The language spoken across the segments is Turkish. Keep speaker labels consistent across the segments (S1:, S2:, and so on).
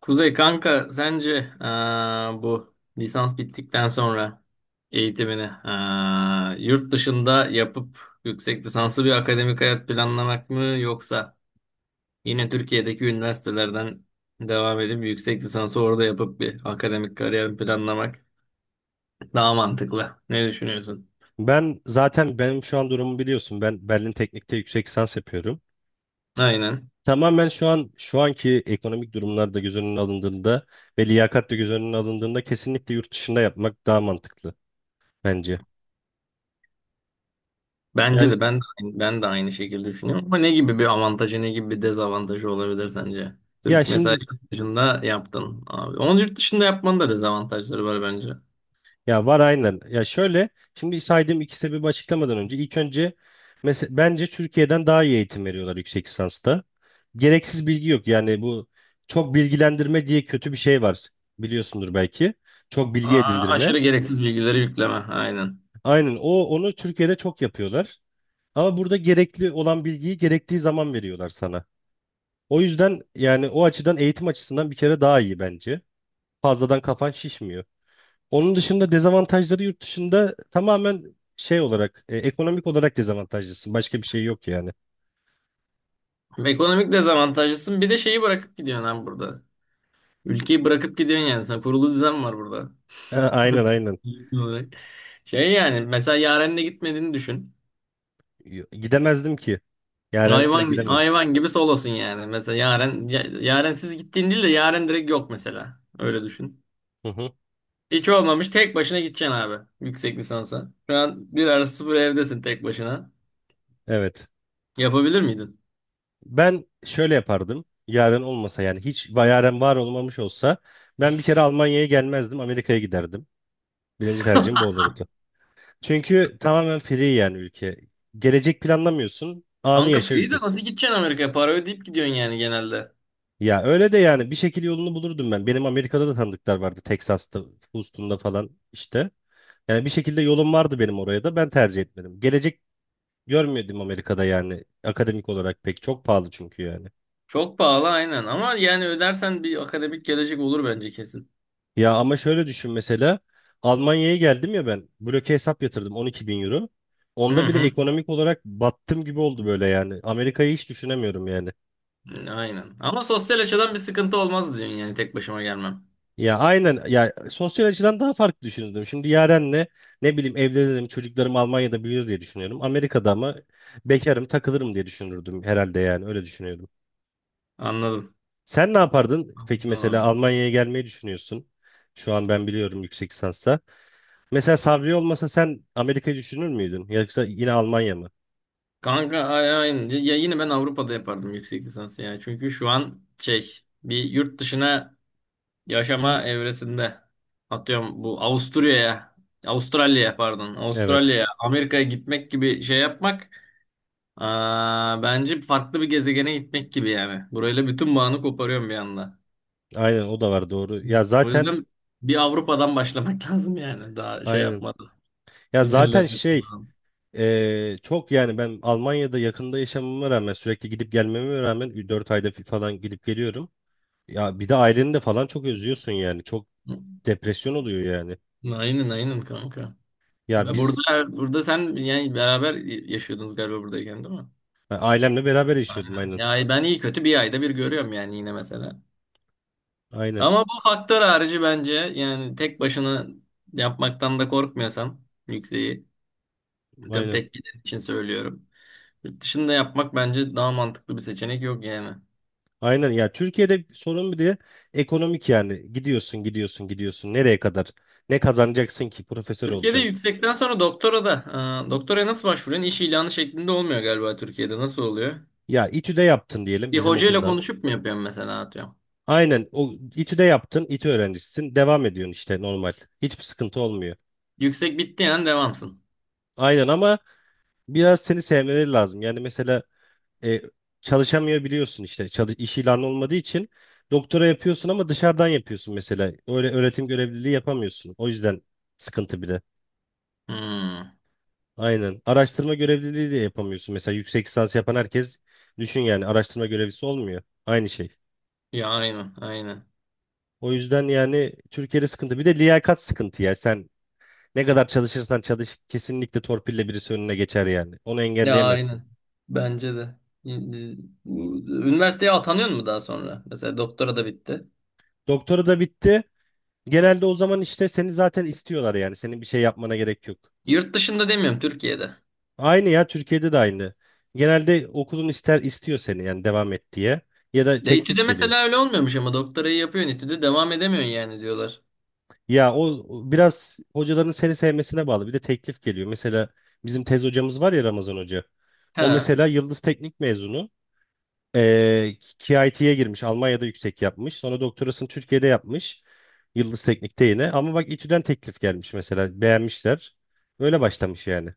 S1: Kuzey kanka sence bu lisans bittikten sonra eğitimini yurt dışında yapıp yüksek lisanslı bir akademik hayat planlamak mı, yoksa yine Türkiye'deki üniversitelerden devam edip yüksek lisansı orada yapıp bir akademik kariyer planlamak daha mantıklı? Ne düşünüyorsun?
S2: Ben zaten benim şu an durumumu biliyorsun. Ben Berlin Teknik'te yüksek lisans yapıyorum.
S1: Aynen.
S2: Tamamen şu an şu anki ekonomik durumlar da göz önüne alındığında ve liyakat da göz önüne alındığında kesinlikle yurt dışında yapmak daha mantıklı bence.
S1: Bence
S2: Yani
S1: de, ben de aynı şekilde düşünüyorum. Ama ne gibi bir avantajı, ne gibi bir dezavantajı olabilir sence?
S2: ya
S1: Türk mesela
S2: şimdi
S1: yurt dışında yaptın abi. Onun yurt dışında yapmanın da dezavantajları var bence.
S2: ya var aynen. Ya şöyle şimdi saydığım iki sebebi açıklamadan önce ilk önce mesela bence Türkiye'den daha iyi eğitim veriyorlar yüksek lisansta. Gereksiz bilgi yok. Yani bu çok bilgilendirme diye kötü bir şey var. Biliyorsundur belki. Çok bilgi
S1: Aa,
S2: edindirme.
S1: aşırı gereksiz bilgileri yükleme. Aynen.
S2: Aynen, onu Türkiye'de çok yapıyorlar. Ama burada gerekli olan bilgiyi gerektiği zaman veriyorlar sana. O yüzden yani o açıdan eğitim açısından bir kere daha iyi bence. Fazladan kafan şişmiyor. Onun dışında dezavantajları yurt dışında tamamen şey olarak ekonomik olarak dezavantajlısın. Başka bir şey yok yani.
S1: Ekonomik dezavantajlısın. Bir de şeyi bırakıp gidiyorsun abi burada. Ülkeyi bırakıp gidiyorsun yani. Sen, kurulu düzen var burada.
S2: Ha, aynen aynen.
S1: Şey yani mesela Yaren'le gitmediğini düşün.
S2: Gidemezdim ki. Yarensiz
S1: Hayvan
S2: gidemezdim.
S1: hayvan gibi solosun yani. Mesela yaren siz gittiğin değil de yaren direkt yok mesela. Öyle düşün.
S2: Hı hı.
S1: Hiç olmamış tek başına gideceksin abi yüksek lisansa. Şu an bir arası sıfır evdesin tek başına.
S2: Evet.
S1: Yapabilir miydin?
S2: Ben şöyle yapardım. Yaren olmasa yani hiç Yaren var olmamış olsa ben bir kere Almanya'ya gelmezdim. Amerika'ya giderdim. Birinci tercihim bu olurdu. Çünkü tamamen free yani ülke. Gelecek planlamıyorsun. Anı
S1: Kanka
S2: yaşa
S1: free de
S2: ülkesi.
S1: nasıl gideceksin Amerika'ya? Para ödeyip gidiyorsun yani genelde.
S2: Ya öyle de yani bir şekilde yolunu bulurdum ben. Benim Amerika'da da tanıdıklar vardı. Texas'ta, Houston'da falan işte. Yani bir şekilde yolum vardı benim oraya da. Ben tercih etmedim. Gelecek görmüyordum Amerika'da yani. Akademik olarak pek çok pahalı çünkü yani.
S1: Çok pahalı aynen, ama yani ödersen bir akademik gelecek olur bence kesin.
S2: Ya ama şöyle düşün mesela. Almanya'ya geldim ya ben. Bloke hesap yatırdım 12 bin euro.
S1: Hı
S2: Onda bile
S1: hı.
S2: ekonomik olarak battım gibi oldu böyle yani. Amerika'yı hiç düşünemiyorum yani.
S1: Aynen. Ama sosyal açıdan bir sıkıntı olmaz diyorsun yani tek başıma gelmem.
S2: Ya aynen ya sosyal açıdan daha farklı düşünürdüm. Şimdi Yaren'le ne bileyim evlenirim, çocuklarım Almanya'da büyür diye düşünüyorum. Amerika'da ama bekarım, takılırım diye düşünürdüm herhalde yani öyle düşünüyordum.
S1: Anladım.
S2: Sen ne yapardın? Peki
S1: Anladım
S2: mesela
S1: abi.
S2: Almanya'ya gelmeyi düşünüyorsun. Şu an ben biliyorum yüksek lisansa. Mesela Sabri olmasa sen Amerika'yı düşünür müydün? Yoksa yine Almanya mı?
S1: Kanka aynen. Ya yine ben Avrupa'da yapardım yüksek lisansı ya. Çünkü şu an şey, bir yurt dışına yaşama evresinde. Atıyorum bu
S2: Evet.
S1: Avustralya'ya, Amerika'ya gitmek gibi şey yapmak, bence farklı bir gezegene gitmek gibi yani. Burayla bütün bağını koparıyorum bir anda.
S2: Aynen o da var doğru. Ya
S1: O
S2: zaten
S1: yüzden bir Avrupa'dan başlamak lazım yani, daha şey
S2: aynen.
S1: yapmadan.
S2: Ya zaten
S1: İlerlemek
S2: şey.
S1: lazım.
S2: Çok yani ben Almanya'da yakında yaşamama rağmen sürekli gidip gelmeme rağmen 4 ayda falan gidip geliyorum. Ya bir de aileni de falan çok özlüyorsun yani. Çok depresyon oluyor yani.
S1: Aynen aynen kanka.
S2: Ya
S1: Ve
S2: biz
S1: burada sen yani beraber yaşıyordunuz galiba buradayken, değil mi?
S2: Ben ailemle beraber yaşıyordum
S1: Aynen.
S2: aynen.
S1: Ya ben iyi kötü bir ayda bir görüyorum yani yine mesela.
S2: Aynen.
S1: Ama bu faktör harici bence yani, tek başına yapmaktan da korkmuyorsan yükseği, tüm
S2: Aynen.
S1: tek giden için söylüyorum. Yurt dışında yapmak bence daha mantıklı, bir seçenek yok yani.
S2: Aynen ya Türkiye'de sorun bir de ekonomik yani. Gidiyorsun gidiyorsun gidiyorsun. Nereye kadar? Ne kazanacaksın ki? Profesör
S1: Türkiye'de
S2: olacaksın.
S1: yüksekten sonra doktora da doktoraya nasıl başvuruyorsun? İş ilanı şeklinde olmuyor galiba Türkiye'de. Nasıl oluyor?
S2: Ya İTÜ'de yaptın diyelim
S1: Bir
S2: bizim
S1: hocayla
S2: okuldan.
S1: konuşup mu yapıyorsun mesela, atıyorum?
S2: Aynen o İTÜ'de yaptın, İTÜ öğrencisisin. Devam ediyorsun işte normal. Hiçbir sıkıntı olmuyor.
S1: Yüksek bitti yani devamsın.
S2: Aynen ama biraz seni sevmeleri lazım. Yani mesela e, çalışamıyor biliyorsun işte çalış, iş ilanı olmadığı için doktora yapıyorsun ama dışarıdan yapıyorsun mesela. Öyle öğretim görevliliği yapamıyorsun. O yüzden sıkıntı bir de.
S1: Hmm.
S2: Aynen. Araştırma görevliliği de yapamıyorsun. Mesela yüksek lisans yapan herkes düşün yani araştırma görevlisi olmuyor. Aynı şey.
S1: Ya aynen, aynen.
S2: O yüzden yani Türkiye'de sıkıntı. Bir de liyakat sıkıntı ya. Sen ne kadar çalışırsan çalış kesinlikle torpille birisi önüne geçer yani. Onu
S1: Ya
S2: engelleyemezsin.
S1: aynen. Bence de. Üniversiteye atanıyor mu daha sonra? Mesela doktora da bitti.
S2: Doktora da bitti. Genelde o zaman işte seni zaten istiyorlar yani. Senin bir şey yapmana gerek yok.
S1: Yurt dışında demiyorum, Türkiye'de.
S2: Aynı ya Türkiye'de de aynı. Genelde okulun ister istiyor seni yani devam et diye. Ya da
S1: Ya İTÜ'de
S2: teklif geliyor.
S1: mesela öyle olmuyormuş, ama doktorayı yapıyorsun İTÜ'de, devam edemiyorsun yani diyorlar.
S2: Ya o biraz hocaların seni sevmesine bağlı. Bir de teklif geliyor. Mesela bizim tez hocamız var ya Ramazan Hoca.
S1: He,
S2: O mesela Yıldız Teknik mezunu. Ee, KIT'ye girmiş. Almanya'da yüksek yapmış. Sonra doktorasını Türkiye'de yapmış. Yıldız Teknik'te yine. Ama bak İTÜ'den teklif gelmiş mesela. Beğenmişler. Öyle başlamış yani.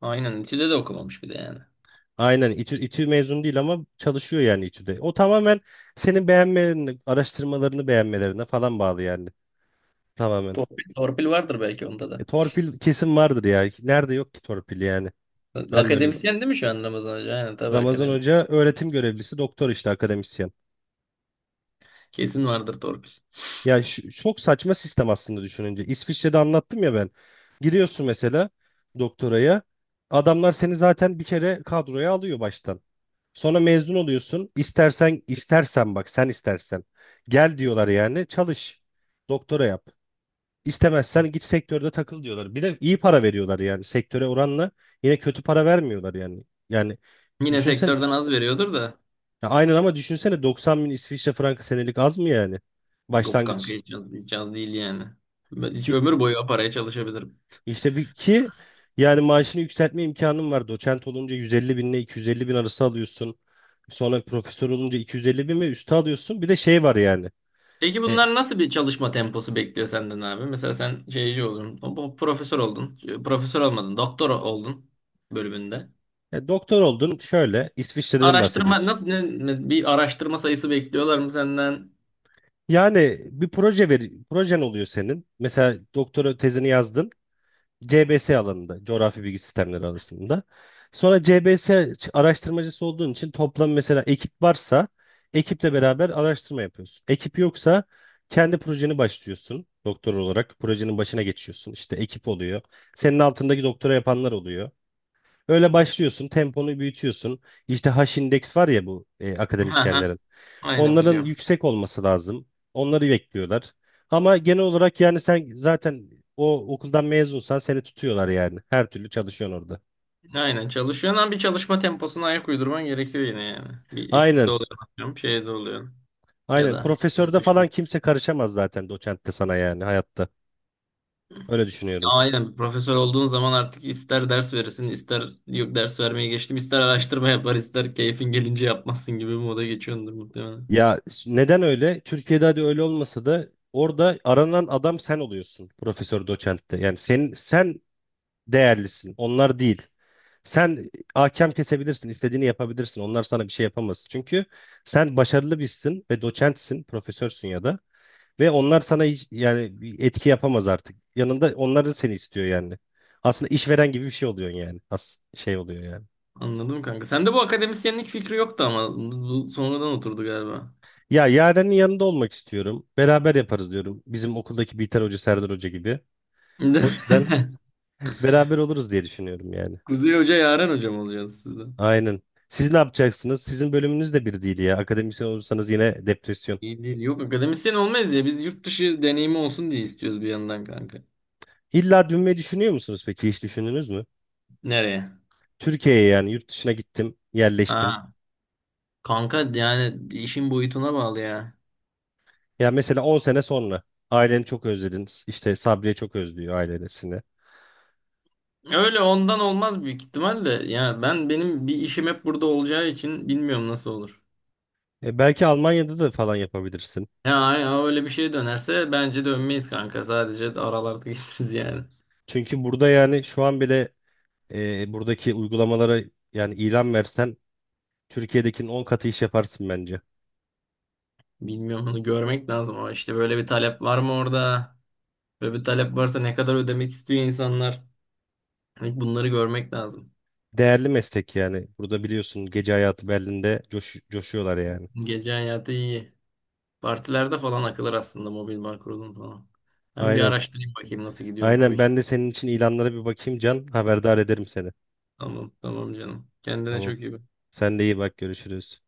S1: aynen, İTÜ'de de okumamış bir de yani.
S2: Aynen, İTÜ mezun değil ama çalışıyor yani İTÜ'de. O tamamen senin beğenmelerini, araştırmalarını beğenmelerine falan bağlı yani. Tamamen.
S1: Torpil vardır belki onda da.
S2: Torpil kesin vardır ya. Nerede yok ki torpil yani. Ben de öyle.
S1: Akademisyen değil mi şu an Ramazan Hoca? Aynen tabii
S2: Ramazan
S1: akademisyen.
S2: Hoca öğretim görevlisi, doktor işte akademisyen.
S1: Kesin vardır torpil.
S2: Ya çok saçma sistem aslında düşününce. İsviçre'de anlattım ya ben. Giriyorsun mesela doktoraya. Adamlar seni zaten bir kere kadroya alıyor baştan. Sonra mezun oluyorsun. İstersen istersen bak sen istersen. Gel diyorlar yani çalış. Doktora yap. İstemezsen git sektörde takıl diyorlar. Bir de iyi para veriyorlar yani sektöre oranla. Yine kötü para vermiyorlar yani. Yani
S1: Yine
S2: düşünsen.
S1: sektörden az veriyordur da.
S2: Ya aynen ama düşünsene 90 bin İsviçre frankı senelik az mı yani?
S1: Yok kanka,
S2: Başlangıç.
S1: hiç az değil yani. Ben hiç
S2: Ki,
S1: ömür boyu o paraya çalışabilirim.
S2: işte bir ki yani maaşını yükseltme imkanın var. Doçent olunca 150 bin ile 250 bin arası alıyorsun. Sonra profesör olunca 250 bin ve üstü alıyorsun. Bir de şey var yani.
S1: Peki
S2: E,
S1: bunlar nasıl bir çalışma temposu bekliyor senden abi? Mesela sen şeyci oldun, o profesör oldun, profesör olmadın, doktor oldun bölümünde.
S2: doktor oldun şöyle İsviçre'den
S1: Araştırma
S2: bahsediyorsun.
S1: nasıl, bir araştırma sayısı bekliyorlar mı senden?
S2: Yani bir proje ver, projen oluyor senin. Mesela doktora tezini yazdın. C B S alanında, coğrafi bilgi sistemleri alanında. Sonra C B CBS araştırmacısı olduğun için toplam mesela ekip varsa ekiple beraber araştırma yapıyorsun. Ekip yoksa kendi projeni başlıyorsun doktor olarak. Projenin başına geçiyorsun. İşte ekip oluyor. Senin altındaki doktora yapanlar oluyor. Öyle başlıyorsun, temponu büyütüyorsun. İşte h indeks var ya bu
S1: Ha ha.
S2: akademisyenlerin.
S1: Aynen
S2: Onların
S1: biliyorum.
S2: yüksek olması lazım. Onları bekliyorlar. Ama genel olarak yani sen zaten o okuldan mezunsan seni tutuyorlar yani. Her türlü çalışıyorsun orada.
S1: Aynen çalışıyorsun, ama bir çalışma temposuna ayak uydurman gerekiyor yine yani. Bir ekipte
S2: Aynen.
S1: oluyor, atıyorum, şeyde oluyor ya
S2: Aynen.
S1: da
S2: Profesörde falan kimse karışamaz zaten doçentte sana yani hayatta. Öyle düşünüyorum.
S1: aynen, profesör olduğun zaman artık ister ders verirsin, ister yok ders vermeye geçtim, ister araştırma yapar, ister keyfin gelince yapmazsın gibi bir moda geçiyordur muhtemelen.
S2: Ya neden öyle? Türkiye'de hadi öyle olmasa da orada aranan adam sen oluyorsun profesör doçentte. Yani sen değerlisin. Onlar değil. Sen hakem kesebilirsin, istediğini yapabilirsin. Onlar sana bir şey yapamaz. Çünkü sen başarılı birisin ve doçentsin, profesörsün ya da ve onlar sana hiç, yani bir etki yapamaz artık. Yanında onlar seni istiyor yani. Aslında işveren gibi bir şey oluyorsun yani. Şey oluyor yani.
S1: Anladım kanka. Sende bu akademisyenlik fikri yoktu, ama bu sonradan oturdu galiba.
S2: Ya Yaren'in yanında olmak istiyorum. Beraber yaparız diyorum. Bizim okuldaki Biter Hoca, Serdar Hoca gibi. O yüzden beraber oluruz diye düşünüyorum yani.
S1: Kuzey Hoca, Yaren Hocam olacaksınız sizden.
S2: Aynen. Siz ne yapacaksınız? Sizin bölümünüz de bir değil ya. Akademisyen olursanız yine depresyon.
S1: İyi değil. Yok, akademisyen olmayız ya. Biz yurt dışı deneyimi olsun diye istiyoruz bir yandan kanka.
S2: İlla dönmeyi düşünüyor musunuz peki? Hiç düşündünüz mü?
S1: Nereye?
S2: Türkiye'ye yani yurt dışına gittim, yerleştim.
S1: Ha. Kanka yani işin boyutuna bağlı ya.
S2: Ya mesela 10 sene sonra aileni çok özledin. İşte Sabriye çok özlüyor ailesini.
S1: Öyle ondan olmaz büyük ihtimalle. Ya ben, benim bir işim hep burada olacağı için bilmiyorum nasıl olur.
S2: E belki Almanya'da da falan yapabilirsin.
S1: Ya ay- ay öyle bir şey dönerse bence dönmeyiz kanka. Sadece de aralarda geliriz yani.
S2: Çünkü burada yani şu an bile buradaki uygulamalara yani ilan versen Türkiye'dekinin 10 katı iş yaparsın bence.
S1: Bilmiyorum, onu görmek lazım, ama işte böyle bir talep var mı orada? Böyle bir talep varsa, ne kadar ödemek istiyor insanlar? Hani bunları görmek lazım.
S2: Değerli meslek yani. Burada biliyorsun gece hayatı Berlin'de coşuyorlar yani.
S1: Gece hayatı iyi. Partilerde falan akılır aslında, mobil bar kurulum falan. Ben bir
S2: Aynen.
S1: araştırayım bakayım nasıl gidiyormuş o
S2: Aynen
S1: iş.
S2: ben de senin için ilanlara bir bakayım Can. Haberdar ederim seni.
S1: Tamam tamam canım. Kendine
S2: Tamam.
S1: çok iyi bak.
S2: Sen de iyi bak görüşürüz.